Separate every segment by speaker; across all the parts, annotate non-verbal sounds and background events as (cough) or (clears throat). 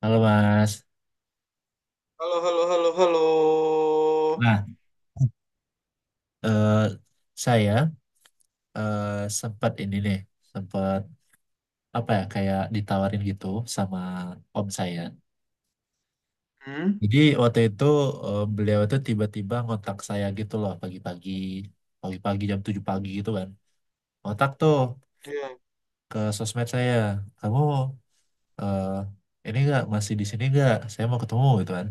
Speaker 1: Halo Mas.
Speaker 2: Halo, halo, halo, halo.
Speaker 1: Nah, eh, saya eh, sempat ini nih, sempat apa ya kayak ditawarin gitu sama om saya.
Speaker 2: Hmm?
Speaker 1: Jadi waktu itu beliau itu tiba-tiba ngontak saya gitu loh pagi-pagi, pagi-pagi jam 7 pagi gitu kan. Ngontak tuh
Speaker 2: Ya,
Speaker 1: ke sosmed saya, kamu eh, ini enggak masih di sini enggak? Saya mau ketemu gitu kan.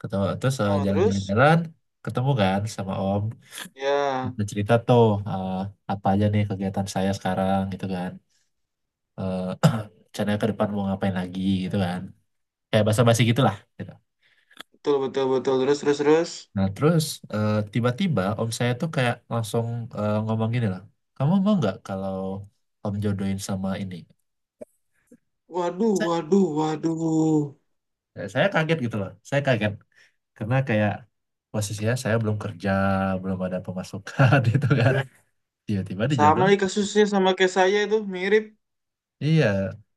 Speaker 1: Ketemu terus
Speaker 2: oh terus?
Speaker 1: jalan-jalan-jalan, ketemu kan sama om.
Speaker 2: Ya,
Speaker 1: Kita cerita tuh eh, apa aja nih kegiatan saya sekarang gitu kan. Eh, (clears throat) rencananya ke depan mau ngapain lagi gitu kan. Kayak basa-basi gitu lah gitu.
Speaker 2: betul, betul, betul. Terus, terus, terus.
Speaker 1: Nah terus tiba-tiba om saya tuh kayak langsung ngomong gini loh. Kamu mau nggak kalau om jodohin sama ini?
Speaker 2: Waduh, waduh, waduh.
Speaker 1: Saya kaget gitu loh. Saya kaget karena kayak posisinya saya belum kerja, belum ada pemasukan (laughs) gitu kan. Tiba-tiba
Speaker 2: Sama
Speaker 1: dijodohin.
Speaker 2: nih kasusnya sama kayak saya itu, mirip.
Speaker 1: Iya,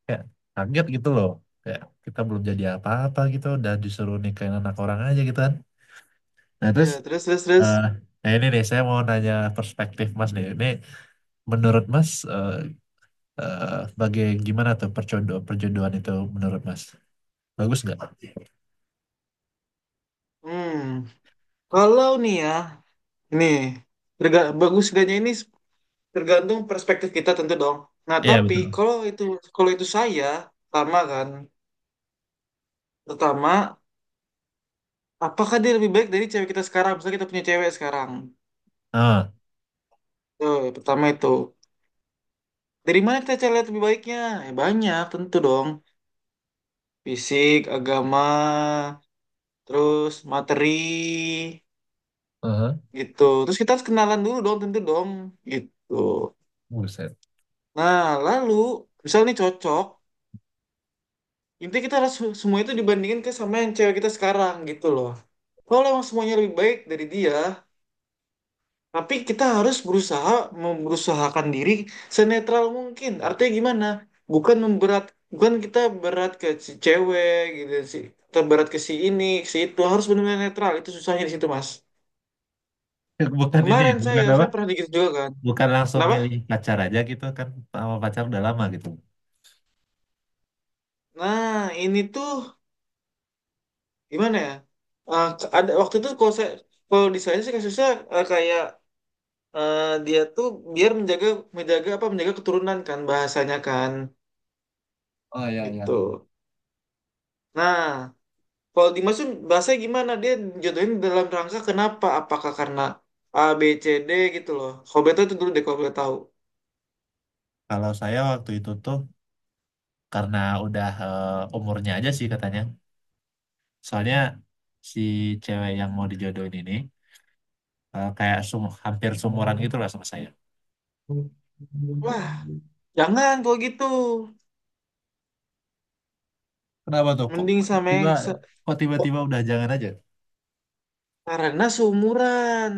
Speaker 1: kayak kaget gitu loh. Kayak kita belum jadi apa-apa gitu, udah disuruh nikahin anak orang aja gitu kan. Nah terus,
Speaker 2: Ya, terus, terus, terus.
Speaker 1: eh nah ini nih saya mau nanya perspektif Mas nih. Ini menurut Mas, eh eh, bagai gimana tuh perjodohan, perjodohan itu menurut Mas? Bagus nggak?
Speaker 2: Hmm, kalau nih ya, nih, bagus gaknya ini tergantung perspektif kita tentu dong. Nah,
Speaker 1: Iya
Speaker 2: tapi
Speaker 1: betul.
Speaker 2: kalau itu saya, pertama kan, pertama, apakah dia lebih baik dari cewek kita sekarang? Misalnya kita punya cewek sekarang.
Speaker 1: Ah,
Speaker 2: Tuh, pertama itu. Dari mana kita cari lihat lebih baiknya? Banyak tentu dong. Fisik, agama, terus materi,
Speaker 1: aha.
Speaker 2: gitu. Terus kita harus kenalan dulu dong, tentu dong, gitu.
Speaker 1: Buset.
Speaker 2: Nah, lalu misalnya nih cocok, intinya kita harus semua itu dibandingin ke sama yang cewek kita sekarang, gitu loh. Kalau emang semuanya lebih baik dari dia, tapi kita harus berusaha memberusahakan diri senetral mungkin. Artinya gimana? Bukan memberat, bukan kita berat ke si cewek gitu sih. Kita berat ke si ini, si itu harus benar-benar netral. Itu susahnya di situ, Mas.
Speaker 1: (laughs) Bukan ini, ya,
Speaker 2: Kemarin saya
Speaker 1: bukan apa?
Speaker 2: saya pernah digitu juga kan.
Speaker 1: Bukan langsung
Speaker 2: Kenapa?
Speaker 1: milih pacar aja gitu kan, sama pacar udah lama gitu.
Speaker 2: Nah, ini tuh gimana ya? Eh, ada waktu itu kalau saya kalau di saya sih kasusnya kayak dia tuh biar menjaga menjaga apa menjaga keturunan kan bahasanya kan
Speaker 1: Oh ya ya.
Speaker 2: itu. Nah, kalau Dimas tuh bahasanya gimana? Dia jatuhin dalam rangka kenapa? Apakah karena A, B, C, D gitu loh. Kalau Beto itu dulu deh kalau boleh tahu.
Speaker 1: Kalau saya waktu itu tuh karena udah eh, umurnya aja sih katanya. Soalnya si cewek yang mau dijodohin ini kayak hampir seumuran gitu lah sama saya.
Speaker 2: Wah, jangan kalau gitu.
Speaker 1: Kenapa tuh?
Speaker 2: Mending sama
Speaker 1: Tiba
Speaker 2: yang se
Speaker 1: kok tiba-tiba udah jangan aja?
Speaker 2: karena seumuran.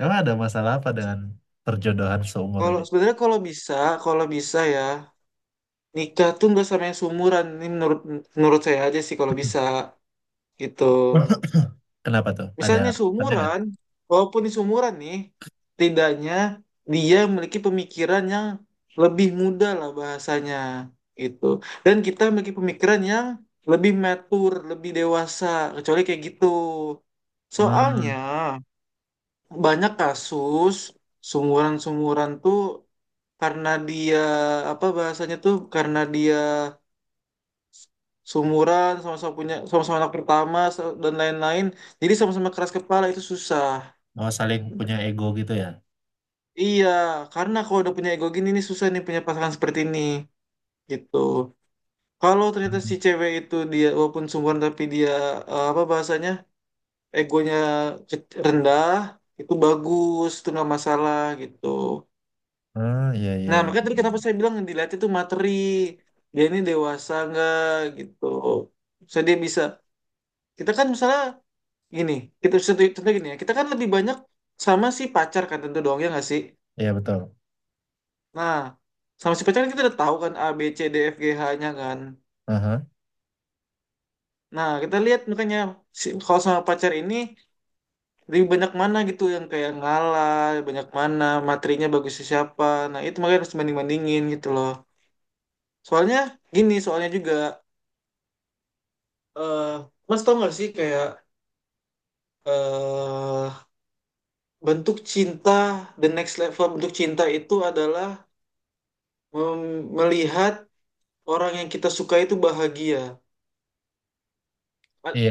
Speaker 1: Emang ada masalah apa dengan perjodohan seumur
Speaker 2: Kalau
Speaker 1: ini?
Speaker 2: sebenarnya kalau bisa ya nikah tuh nggak sama yang seumuran. Ini menurut menurut saya aja sih kalau bisa gitu.
Speaker 1: (laughs) Kenapa tuh? Ada
Speaker 2: Misalnya
Speaker 1: alasannya nggak?
Speaker 2: sumuran, walaupun di sumuran nih, tidaknya dia memiliki pemikiran yang lebih muda lah bahasanya gitu. Dan kita memiliki pemikiran yang lebih mature, lebih dewasa, kecuali kayak gitu. Soalnya
Speaker 1: Hmm,
Speaker 2: banyak kasus sumuran-sumuran tuh karena dia apa bahasanya tuh karena dia sumuran sama-sama punya sama-sama anak pertama dan lain-lain jadi sama-sama keras kepala itu susah.
Speaker 1: oh saling punya ego gitu ya?
Speaker 2: Iya, karena kalau udah punya ego gini nih susah nih punya pasangan seperti ini gitu. Kalau ternyata si
Speaker 1: Hmm,
Speaker 2: cewek itu dia walaupun sungguhan tapi dia apa bahasanya egonya rendah itu bagus itu nggak masalah gitu.
Speaker 1: iya iya
Speaker 2: Nah
Speaker 1: iya.
Speaker 2: makanya tadi kenapa saya bilang yang dilihat itu materi, dia ini dewasa nggak gitu. Saya dia bisa kita kan misalnya gini, kita contoh contoh gini ya, kita kan lebih banyak sama si pacar kan tentu doang ya nggak sih?
Speaker 1: Iya, betul.
Speaker 2: Nah, sama si pacar kan kita udah tahu kan A, B, C, D, F, G, H-nya kan.
Speaker 1: Aha.
Speaker 2: Nah, kita lihat makanya kalau sama pacar ini lebih banyak mana gitu yang kayak ngalah, banyak mana, materinya bagusnya siapa. Nah, itu makanya harus banding-bandingin gitu loh. Soalnya gini, soalnya juga eh Mas tau gak sih kayak eh bentuk cinta, the next level bentuk cinta itu adalah melihat orang yang kita suka itu bahagia.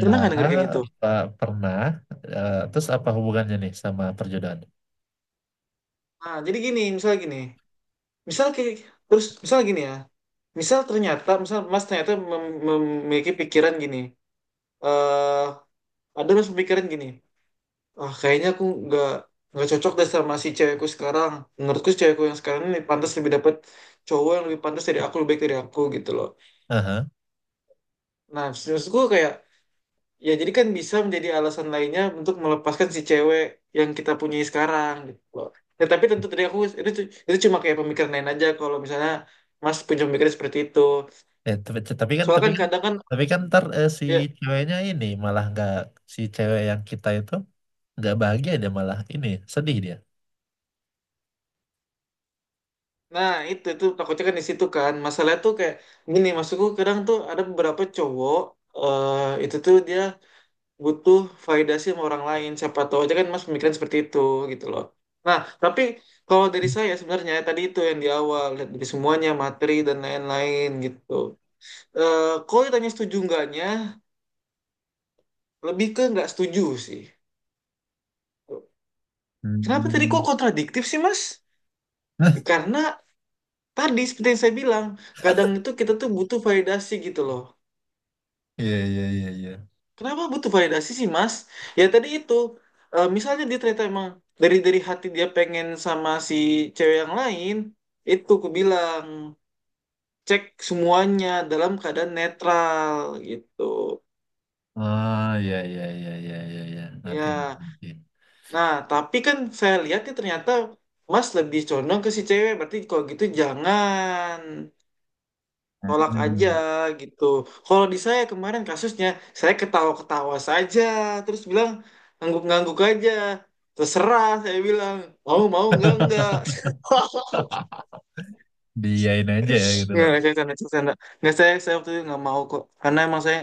Speaker 2: Pernah gak denger kayak gitu?
Speaker 1: pa- pernah. Eh, terus apa hubungannya nih sama perjodohan?
Speaker 2: Nah, jadi gini, misalnya gini. Misal kayak terus misal gini ya, misal ternyata misal mas ternyata memiliki pikiran gini, eh ada mas pemikiran gini, ah kayaknya aku nggak cocok deh sama si cewekku sekarang. Menurutku si cewekku yang sekarang ini pantas lebih dapat cowok yang lebih pantas dari aku, lebih baik dari aku gitu loh.
Speaker 1: Aha.
Speaker 2: Nah maksudku kayak ya jadi kan bisa menjadi alasan lainnya untuk melepaskan si cewek yang kita punyai sekarang gitu loh. Ya, tapi tentu tadi aku, itu itu cuma kayak pemikiran lain aja kalau misalnya Mas punya pemikiran seperti itu.
Speaker 1: Eh, tapi, tapi kan,
Speaker 2: Soalnya
Speaker 1: tapi
Speaker 2: kan
Speaker 1: kan,
Speaker 2: kadang kan,
Speaker 1: tapi kan ntar si
Speaker 2: ya
Speaker 1: ceweknya ini malah nggak, si cewek yang kita itu nggak bahagia, dia malah ini sedih dia.
Speaker 2: nah itu takutnya kan di situ kan. Masalah tuh kayak gini, maksudku kadang tuh ada beberapa cowok itu tuh dia butuh validasi sama orang lain. Siapa tahu aja kan Mas pemikiran seperti itu gitu loh. Nah, tapi kalau dari saya sebenarnya tadi itu yang di awal lihat dari semuanya materi dan lain-lain gitu. Eh Kalau ditanya setuju enggaknya lebih ke nggak setuju sih. Kenapa tadi kok
Speaker 1: Hmm.
Speaker 2: kontradiktif sih Mas?
Speaker 1: (laughs)
Speaker 2: Karena tadi seperti yang saya bilang, kadang itu kita tuh butuh validasi gitu loh.
Speaker 1: Iya, iya, iya, iya.
Speaker 2: Kenapa butuh validasi sih, Mas? Ya tadi itu, misalnya dia ternyata emang dari hati dia pengen sama si cewek yang lain, itu aku bilang cek semuanya dalam keadaan netral gitu.
Speaker 1: Ah, iya, iya, iya, iya, iya, iya. Ngerti,
Speaker 2: Ya,
Speaker 1: ngerti, ngerti.
Speaker 2: nah tapi kan saya lihatnya ternyata Mas lebih condong ke si cewek, berarti kalau gitu jangan. Tolak aja
Speaker 1: Hmm.
Speaker 2: gitu. Kalau di saya kemarin kasusnya, saya ketawa-ketawa saja, terus bilang ngangguk-ngangguk aja. Terserah, saya bilang. Mau, mau, enggak, enggak. (laughs)
Speaker 1: (laughs) Diain aja ya gitu
Speaker 2: Nggak,
Speaker 1: loh.
Speaker 2: saya canda, saya canda. Nggak, saya waktu itu nggak mau kok. Karena emang saya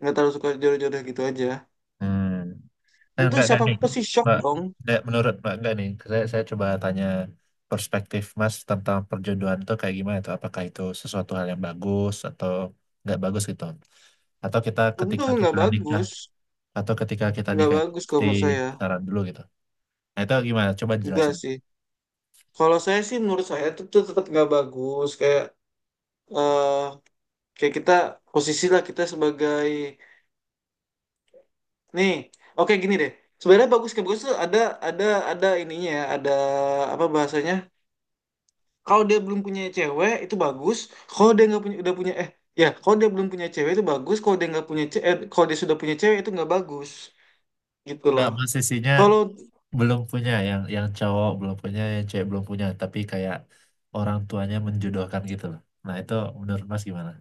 Speaker 2: nggak terlalu suka jodoh-jodoh gitu aja.
Speaker 1: Hmm. Eh,
Speaker 2: Untuk
Speaker 1: enggak
Speaker 2: siapa
Speaker 1: nih,
Speaker 2: pasti shock
Speaker 1: Mbak.
Speaker 2: dong.
Speaker 1: Enggak, menurut Mbak enggak nih. Saya coba tanya perspektif Mas tentang perjodohan itu kayak gimana tuh? Apakah itu sesuatu hal yang bagus atau nggak bagus gitu? Atau kita
Speaker 2: Tentu
Speaker 1: ketika
Speaker 2: nggak
Speaker 1: kita nikah
Speaker 2: bagus.
Speaker 1: atau ketika kita
Speaker 2: Nggak
Speaker 1: nikah itu
Speaker 2: bagus kalau
Speaker 1: mesti
Speaker 2: menurut saya.
Speaker 1: pacaran dulu gitu. Nah, itu gimana? Coba jelasin.
Speaker 2: Enggak sih. Kalau saya sih menurut saya itu, tuh tetap nggak bagus. Kayak eh kayak kita, posisi lah kita sebagai nih, oke gini deh, sebenarnya bagus kayak bagus tuh ada ada ininya ya, ada apa bahasanya, kalau dia belum punya cewek itu bagus, kalau dia nggak punya udah punya ya kalau dia belum punya cewek itu bagus, kalau dia nggak punya cewek, kalau dia sudah punya cewek itu nggak bagus gitu loh.
Speaker 1: Enggak, Mas, sisinya
Speaker 2: Kalau
Speaker 1: belum punya, yang cowok belum punya, yang cewek belum punya, tapi kayak orang tuanya menjodohkan gitu loh. Nah, itu menurut Mas gimana?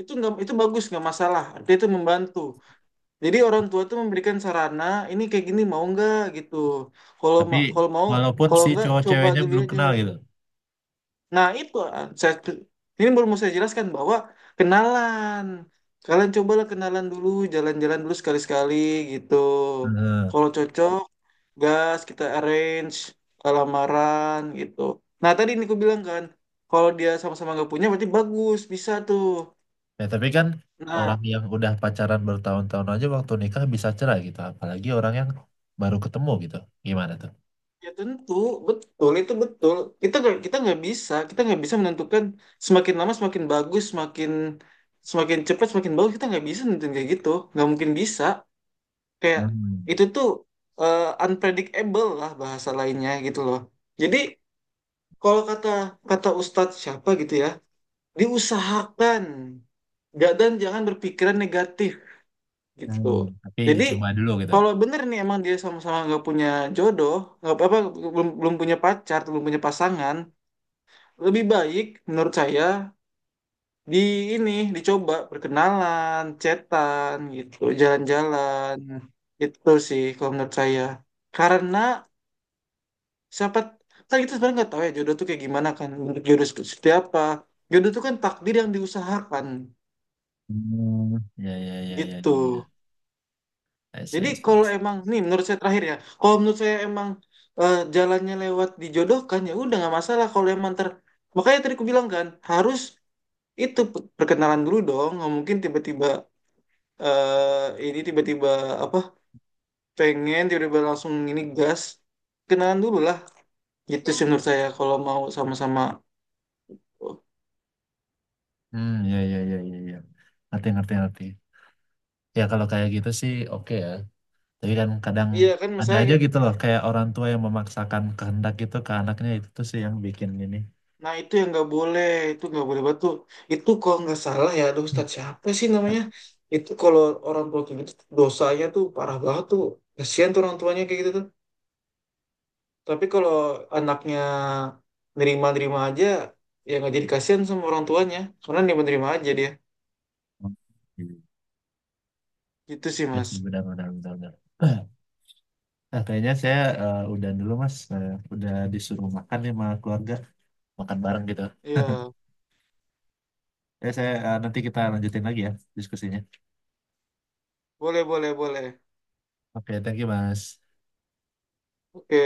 Speaker 2: itu nggak, itu bagus nggak masalah, dia itu membantu, jadi orang tua tuh memberikan sarana ini kayak gini mau nggak gitu. kalau
Speaker 1: Tapi
Speaker 2: ma- kalau mau,
Speaker 1: walaupun
Speaker 2: kalau
Speaker 1: si
Speaker 2: nggak
Speaker 1: cowok
Speaker 2: coba
Speaker 1: ceweknya
Speaker 2: dulu
Speaker 1: belum
Speaker 2: aja.
Speaker 1: kenal gitu.
Speaker 2: Nah, itu ah, saya, ini belum mau saya jelaskan bahwa kenalan. Kalian cobalah kenalan dulu, jalan-jalan dulu sekali-sekali gitu.
Speaker 1: Heeh.
Speaker 2: Kalau cocok, gas kita arrange lamaran gitu. Nah, tadi ini aku bilang kan, kalau dia sama-sama nggak punya berarti bagus, bisa tuh.
Speaker 1: Ya, tapi kan
Speaker 2: Nah,
Speaker 1: orang yang udah pacaran bertahun-tahun aja waktu nikah bisa cerai gitu. Apalagi orang yang baru ketemu gitu. Gimana tuh?
Speaker 2: ya tentu betul itu betul. Kita nggak bisa menentukan semakin lama semakin bagus, semakin semakin cepat semakin bagus, kita nggak bisa nentuin kayak gitu, nggak mungkin bisa. Kayak
Speaker 1: Hmm.
Speaker 2: itu tuh unpredictable lah bahasa lainnya gitu loh. Jadi kalau kata kata Ustadz siapa gitu ya, diusahakan. Dan jangan berpikiran negatif
Speaker 1: Hmm.
Speaker 2: gitu.
Speaker 1: Tapi
Speaker 2: Jadi
Speaker 1: dicoba dulu gitu.
Speaker 2: kalau bener nih emang dia sama-sama nggak punya jodoh, nggak apa-apa, belum belum punya pacar, belum punya pasangan, lebih baik menurut saya di ini dicoba perkenalan, chatan gitu, jalan-jalan. Itu sih kalau menurut saya. Karena siapa, kan kita sebenarnya nggak tahu ya jodoh tuh kayak gimana kan, bentuk jodoh seperti apa. Jodoh tuh kan takdir yang diusahakan
Speaker 1: Hmm. Ya, ya, ya, ya, ya,
Speaker 2: gitu.
Speaker 1: ya. I see,
Speaker 2: Jadi
Speaker 1: I see.
Speaker 2: kalau emang nih menurut saya terakhir ya, kalau menurut saya emang jalannya lewat dijodohkan ya udah nggak masalah, kalau emang makanya tadi aku bilang kan harus itu perkenalan dulu dong, nggak mungkin tiba-tiba ini tiba-tiba apa pengen tiba-tiba langsung ini gas, kenalan dulu lah gitu sih menurut saya kalau mau sama-sama. Oh,
Speaker 1: Hmm, ya, ya, ya, ya, ya. Ngerti, ngerti, ngerti. Ya, kalau kayak gitu sih oke ya. Tapi kan kadang
Speaker 2: iya kan mas,
Speaker 1: ada
Speaker 2: saya
Speaker 1: aja gitu loh. Kayak orang tua yang memaksakan kehendak gitu ke anaknya. Itu tuh sih yang bikin ini.
Speaker 2: nah itu yang nggak boleh, itu nggak boleh batu. Itu kalau nggak salah ya, aduh
Speaker 1: Hmm.
Speaker 2: Ustadz siapa sih namanya, itu kalau orang tua kayak gitu dosanya tuh parah banget tuh, kasihan tuh orang tuanya kayak gitu tuh. Tapi kalau anaknya nerima-nerima aja ya nggak jadi kasihan sama orang tuanya karena nerima-nerima aja dia, gitu sih
Speaker 1: Ya
Speaker 2: mas.
Speaker 1: sih, benar, benar, benar, benar. (clears throat) Nah, kayaknya saya udah dulu Mas. Udah disuruh makan nih sama keluarga, makan bareng gitu.
Speaker 2: Iya,
Speaker 1: Ya saya nanti kita lanjutin lagi ya diskusinya.
Speaker 2: boleh, boleh, boleh.
Speaker 1: Oke, thank you Mas.
Speaker 2: Oke,